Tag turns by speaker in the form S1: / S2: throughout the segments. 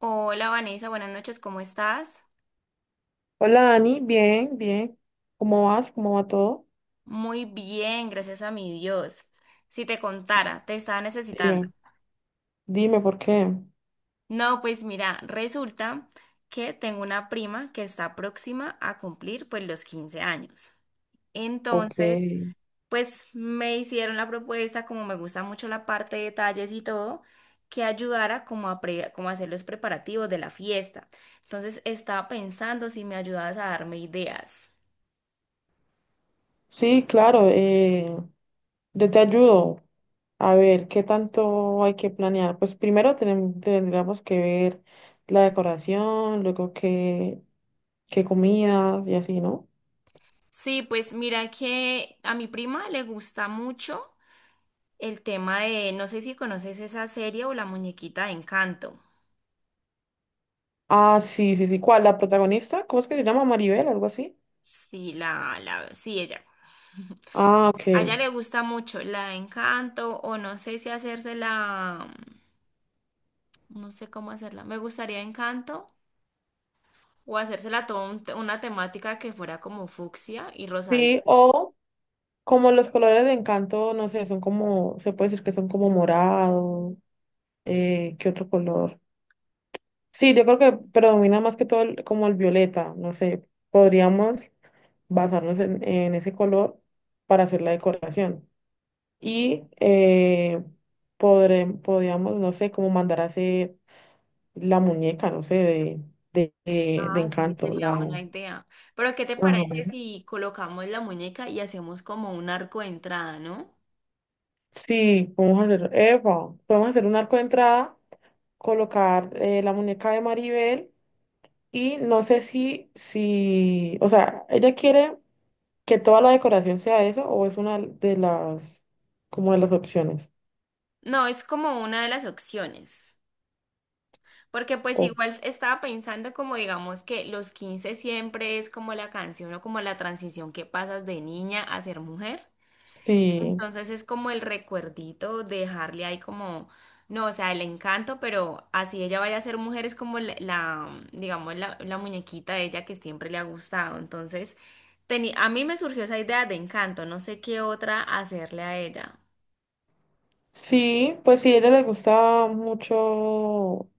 S1: Hola Vanessa, buenas noches, ¿cómo estás?
S2: Hola Dani, bien, bien. ¿Cómo vas? ¿Cómo va todo?
S1: Muy bien, gracias a mi Dios. Si te contara, te estaba necesitando.
S2: Dime, dime por qué.
S1: No, pues mira, resulta que tengo una prima que está próxima a cumplir pues los 15 años.
S2: Ok.
S1: Entonces, pues me hicieron la propuesta, como me gusta mucho la parte de detalles y todo, que ayudara como a, como a hacer los preparativos de la fiesta. Entonces, estaba pensando si me ayudabas a darme ideas.
S2: Sí, claro, yo te ayudo. A ver, ¿qué tanto hay que planear? Pues primero tendríamos que ver la decoración, luego qué comidas y así, ¿no?
S1: Sí, pues mira que a mi prima le gusta mucho el tema de, no sé si conoces esa serie o la muñequita de Encanto.
S2: Ah, sí, sí, sí. ¿Cuál? ¿La protagonista? ¿Cómo es que se llama? Maribel, algo así.
S1: Sí, sí, ella.
S2: Ah, ok.
S1: A ella le gusta mucho la de Encanto o no sé si hacérsela, no sé cómo hacerla. Me gustaría Encanto o hacérsela toda una temática que fuera como fucsia y
S2: Sí,
S1: rosadito.
S2: o como los colores de Encanto, no sé, son como, se puede decir que son como morados. ¿Qué otro color? Sí, yo creo que predomina más que todo como el violeta, no sé, podríamos basarnos en ese color para hacer la decoración. Y podríamos, no sé, como mandar a hacer la muñeca, no sé, de
S1: Ah, sí,
S2: Encanto.
S1: sería una idea. Pero, ¿qué te parece
S2: Ajá.
S1: si colocamos la muñeca y hacemos como un arco de entrada, no?
S2: Sí, podemos hacer un arco de entrada, colocar la muñeca de Maribel y no sé si, o sea, ella quiere que toda la decoración sea eso o es una como de las opciones.
S1: No, es como una de las opciones, porque pues
S2: O
S1: igual estaba pensando como digamos que los 15 siempre es como la canción o como la transición que pasas de niña a ser mujer.
S2: sí,
S1: Entonces es como el recuerdito de dejarle ahí como, no, o sea, el encanto, pero así ella vaya a ser mujer es como digamos, la muñequita de ella que siempre le ha gustado. Entonces, a mí me surgió esa idea de encanto, no sé qué otra hacerle a ella.
S2: sí, pues si a ella le gusta mucho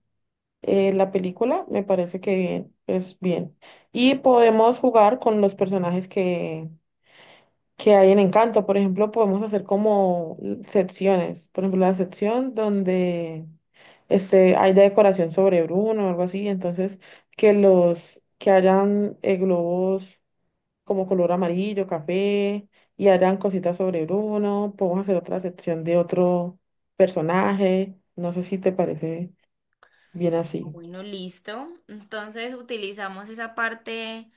S2: la película, me parece que bien, es bien. Y podemos jugar con los personajes que hay en Encanto. Por ejemplo, podemos hacer como secciones. Por ejemplo, la sección donde hay de decoración sobre Bruno o algo así, entonces que los que hayan globos como color amarillo, café, y harán cositas sobre Bruno. Podemos hacer otra sección de otro personaje. No sé si te parece bien así.
S1: Bueno, listo. Entonces utilizamos esa parte.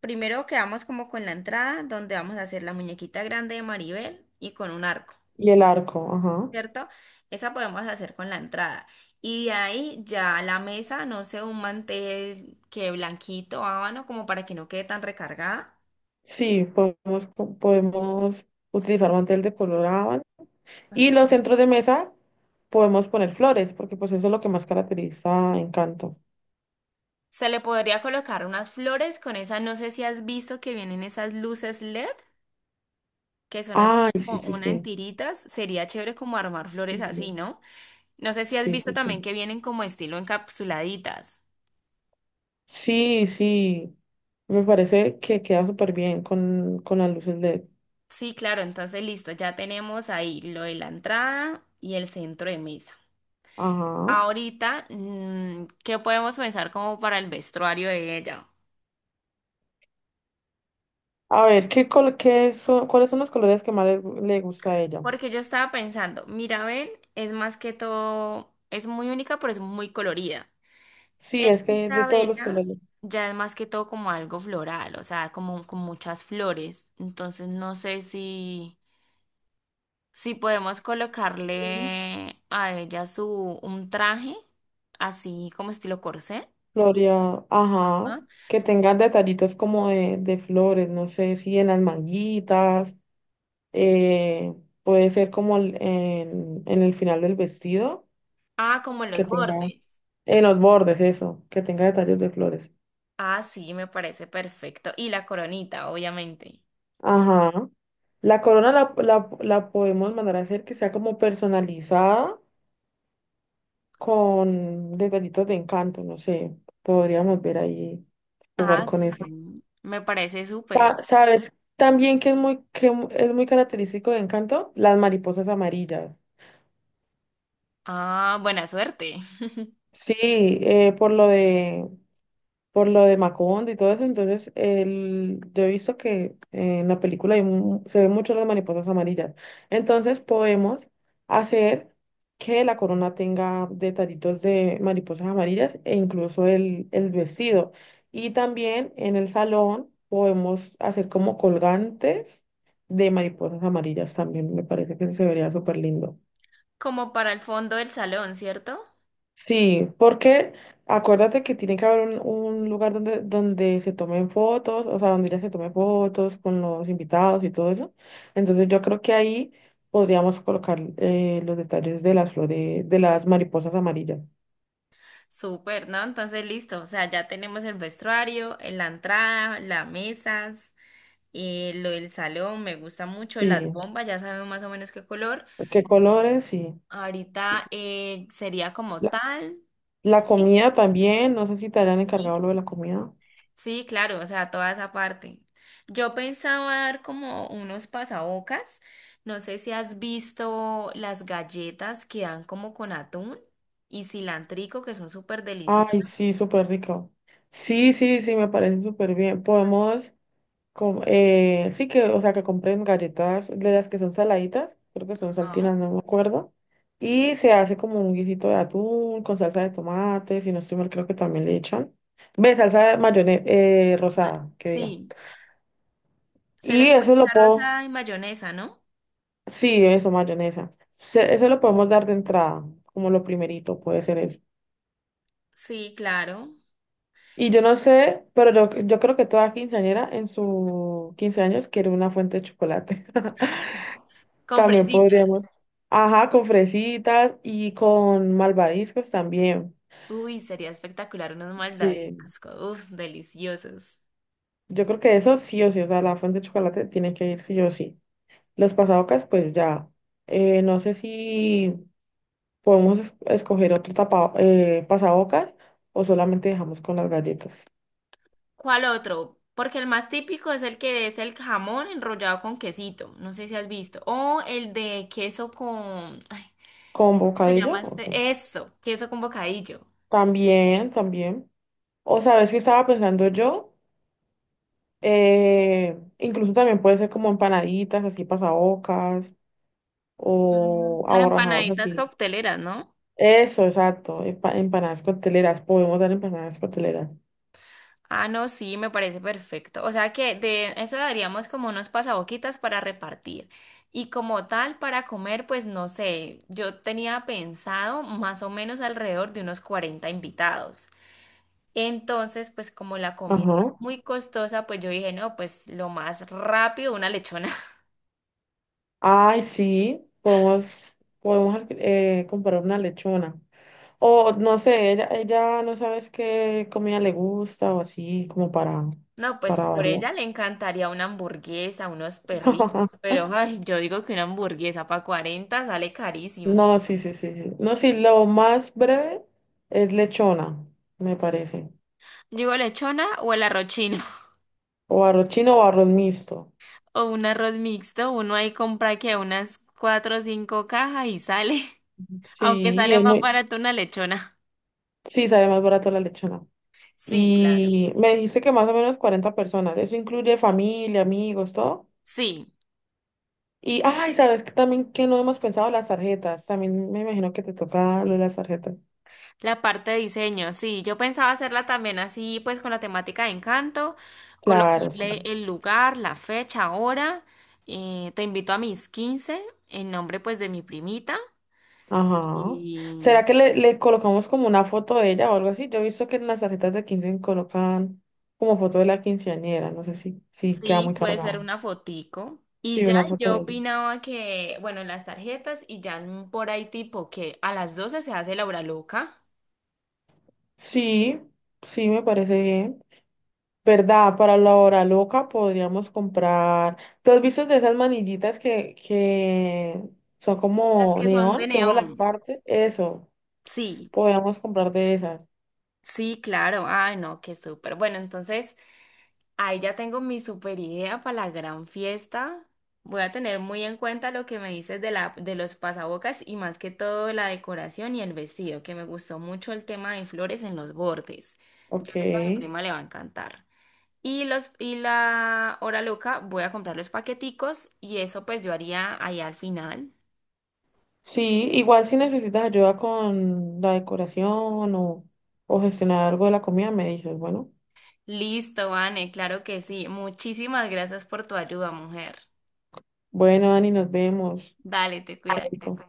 S1: Primero quedamos como con la entrada, donde vamos a hacer la muñequita grande de Maribel y con un arco,
S2: Y el arco, ajá.
S1: ¿cierto? Esa podemos hacer con la entrada. Y de ahí ya la mesa, no sé, un mantel que blanquito, habano, como para que no quede tan recargada.
S2: Sí, podemos utilizar mantel de color ábano. Y los
S1: Ajá.
S2: centros de mesa podemos poner flores, porque pues eso es lo que más caracteriza a Encanto.
S1: Se le podría colocar unas flores con esas, no sé si has visto que vienen esas luces LED, que son así
S2: Ay, sí,
S1: como
S2: sí,
S1: una en
S2: sí.
S1: tiritas. Sería chévere como armar flores así,
S2: Sí,
S1: ¿no? No sé si has
S2: sí,
S1: visto
S2: sí, sí.
S1: también que vienen como estilo encapsuladitas.
S2: Sí, sí. Me parece que queda súper bien con las luces LED.
S1: Sí, claro, entonces listo, ya tenemos ahí lo de la entrada y el centro de mesa.
S2: Ajá.
S1: Ahorita, ¿qué podemos pensar como para el vestuario de ella?
S2: A ver, ¿qué son, cuáles son los colores que más le gusta a ella?
S1: Porque yo estaba pensando, Mirabel es más que todo, es muy única, pero es muy colorida.
S2: Sí, es que de todos los
S1: Isabela
S2: colores.
S1: ya es más que todo como algo floral, o sea, como con muchas flores. Entonces no sé si... Si podemos
S2: Sí.
S1: colocarle a ella su un traje, así como estilo corsé.
S2: Gloria, ajá.
S1: ¿Ah?
S2: Que tengan detallitos como de flores, no sé, si en las manguitas, eh, puede ser como en el final del vestido,
S1: Ah, como en
S2: que
S1: los
S2: tenga,
S1: bordes.
S2: en los bordes, eso, que tenga detalles de flores.
S1: Ah, sí, me parece perfecto. Y la coronita, obviamente.
S2: Ajá. La corona la podemos mandar a hacer que sea como personalizada con detallitos de encanto, no sé, podríamos ver ahí, jugar
S1: Ah,
S2: con eso.
S1: sí, me parece súper.
S2: ¿Sabes? También que es muy, es muy característico de Encanto, las mariposas amarillas.
S1: Ah, buena suerte.
S2: Sí, eh, por lo de por lo de Macondo y todo eso. Entonces, yo he visto que en la película se ven mucho las mariposas amarillas. Entonces, podemos hacer que la corona tenga detallitos de mariposas amarillas e incluso el vestido. Y también en el salón podemos hacer como colgantes de mariposas amarillas también. Me parece que se vería súper lindo.
S1: Como para el fondo del salón, ¿cierto?
S2: Sí, porque acuérdate que tiene que haber un lugar donde se tomen fotos, o sea, donde ya se tomen fotos con los invitados y todo eso. Entonces yo creo que ahí podríamos colocar los detalles de las flores, de las mariposas amarillas.
S1: Súper, ¿no? Entonces, listo. O sea, ya tenemos el vestuario, la entrada, las mesas, lo del salón, me gusta mucho, las
S2: Sí,
S1: bombas, ya sabemos más o menos qué color.
S2: qué colores, sí. Y
S1: Ahorita sería como
S2: La,
S1: tal.
S2: la
S1: Sí.
S2: comida también, no sé si te hayan
S1: Sí.
S2: encargado lo de la comida.
S1: Sí, claro, o sea, toda esa parte. Yo pensaba dar como unos pasabocas. No sé si has visto las galletas que dan como con atún y cilantrico, que son súper deliciosas.
S2: Ay, sí, súper rico. Sí, sí, sí, me parece súper bien. Sí que, o sea, que compren galletas de las que son saladitas, creo que son
S1: Ah,
S2: saltinas, no me acuerdo. Y se hace como un guisito de atún con salsa de tomate, si no estoy mal, creo que también le echan. Ve, salsa de mayonesa rosada, que diga.
S1: sí, se le
S2: Y
S1: puede
S2: eso lo
S1: echar
S2: puedo,
S1: rosa y mayonesa, ¿no?
S2: sí, eso, mayonesa. Eso lo podemos dar de entrada, como lo primerito, puede ser eso.
S1: Sí, claro.
S2: Y yo no sé, pero yo creo que toda quinceañera en sus 15 años quiere una fuente de chocolate.
S1: Con
S2: También
S1: fresita.
S2: podríamos. Ajá, con fresitas y con malvadiscos también.
S1: Uy, sería espectacular unos
S2: Sí,
S1: maldaditos. Uf, deliciosos.
S2: yo creo que eso sí o sí, o sea, la fuente de chocolate tiene que ir sí o sí. Los pasabocas, pues ya. No sé si podemos escoger otro tapa, pasabocas o solamente dejamos con las galletas.
S1: ¿Cuál otro? Porque el más típico es el que es el jamón enrollado con quesito. No sé si has visto. O el de queso con... Ay,
S2: ¿Con
S1: ¿qué se llama
S2: bocadillo? Ok.
S1: este? Eso, queso con bocadillo.
S2: También, también. O sabes que estaba pensando yo. Incluso también puede ser como empanaditas, así pasabocas. O
S1: Las
S2: aborrajados
S1: empanaditas
S2: así.
S1: cocteleras, ¿no?
S2: Eso, exacto. Empanadas cocteleras. Podemos dar empanadas cocteleras.
S1: Ah, no, sí, me parece perfecto. O sea que de eso daríamos como unos pasaboquitas para repartir. Y como tal, para comer, pues no sé, yo tenía pensado más o menos alrededor de unos 40 invitados. Entonces, pues como la comida
S2: Ajá.
S1: es muy costosa, pues yo dije, no, pues lo más rápido, una lechona.
S2: Ay, sí. Podemos comprar una lechona. O no sé, ella no sabes qué comida le gusta o así, como para,
S1: No, pues
S2: para
S1: por ella
S2: variar.
S1: le encantaría una hamburguesa, unos perritos, pero ay, yo digo que una hamburguesa para 40 sale carísimo.
S2: No, sí, sí, sí, sí. No, sí, lo más breve es lechona, me parece.
S1: Yo digo lechona o el arroz chino
S2: O arroz chino o arroz mixto.
S1: o un arroz mixto, uno ahí compra que unas cuatro o cinco cajas y sale, aunque
S2: Sí,
S1: sale más barato una lechona.
S2: sí, sale más barato la lechona.
S1: Sí, claro.
S2: Y me dijiste que más o menos 40 personas. Eso incluye familia, amigos, todo.
S1: Sí.
S2: Y, ay, sabes que también que no hemos pensado las tarjetas. También me imagino que te toca lo de las tarjetas.
S1: La parte de diseño, sí, yo pensaba hacerla también así, pues con la temática de Encanto,
S2: Claro, sí.
S1: colocarle el lugar, la fecha, hora. Te invito a mis 15 en nombre pues de mi primita
S2: Ajá.
S1: y
S2: ¿Será que le colocamos como una foto de ella o algo así? Yo he visto que en las tarjetas de 15 colocan como foto de la quinceañera. No sé si queda
S1: sí,
S2: muy
S1: puede ser
S2: cargada.
S1: una fotico. Y
S2: Sí,
S1: ya
S2: una
S1: y
S2: foto
S1: yo
S2: de ella.
S1: opinaba que, bueno, las tarjetas y ya por ahí tipo que a las 12 se hace la hora loca,
S2: Sí, sí, me parece bien. ¿Verdad? Para la hora loca podríamos comprar. ¿Tú has visto de esas manillitas que son
S1: las
S2: como
S1: que son de
S2: neón, que uno las
S1: neón.
S2: parte? Eso,
S1: Sí.
S2: podríamos comprar de esas.
S1: Sí, claro. Ay, no, qué súper. Bueno, entonces ahí ya tengo mi súper idea para la gran fiesta. Voy a tener muy en cuenta lo que me dices de los pasabocas y más que todo la decoración y el vestido, que me gustó mucho el tema de flores en los bordes.
S2: Ok.
S1: Yo sé que a mi prima le va a encantar. Y la hora loca, voy a comprar los paqueticos y eso pues yo haría ahí al final.
S2: Sí, igual si necesitas ayuda con la decoración o gestionar algo de la comida, me dices, bueno.
S1: Listo, Vane, claro que sí. Muchísimas gracias por tu ayuda, mujer.
S2: Bueno, Dani, nos vemos.
S1: Dale, te cuidas.
S2: Vale.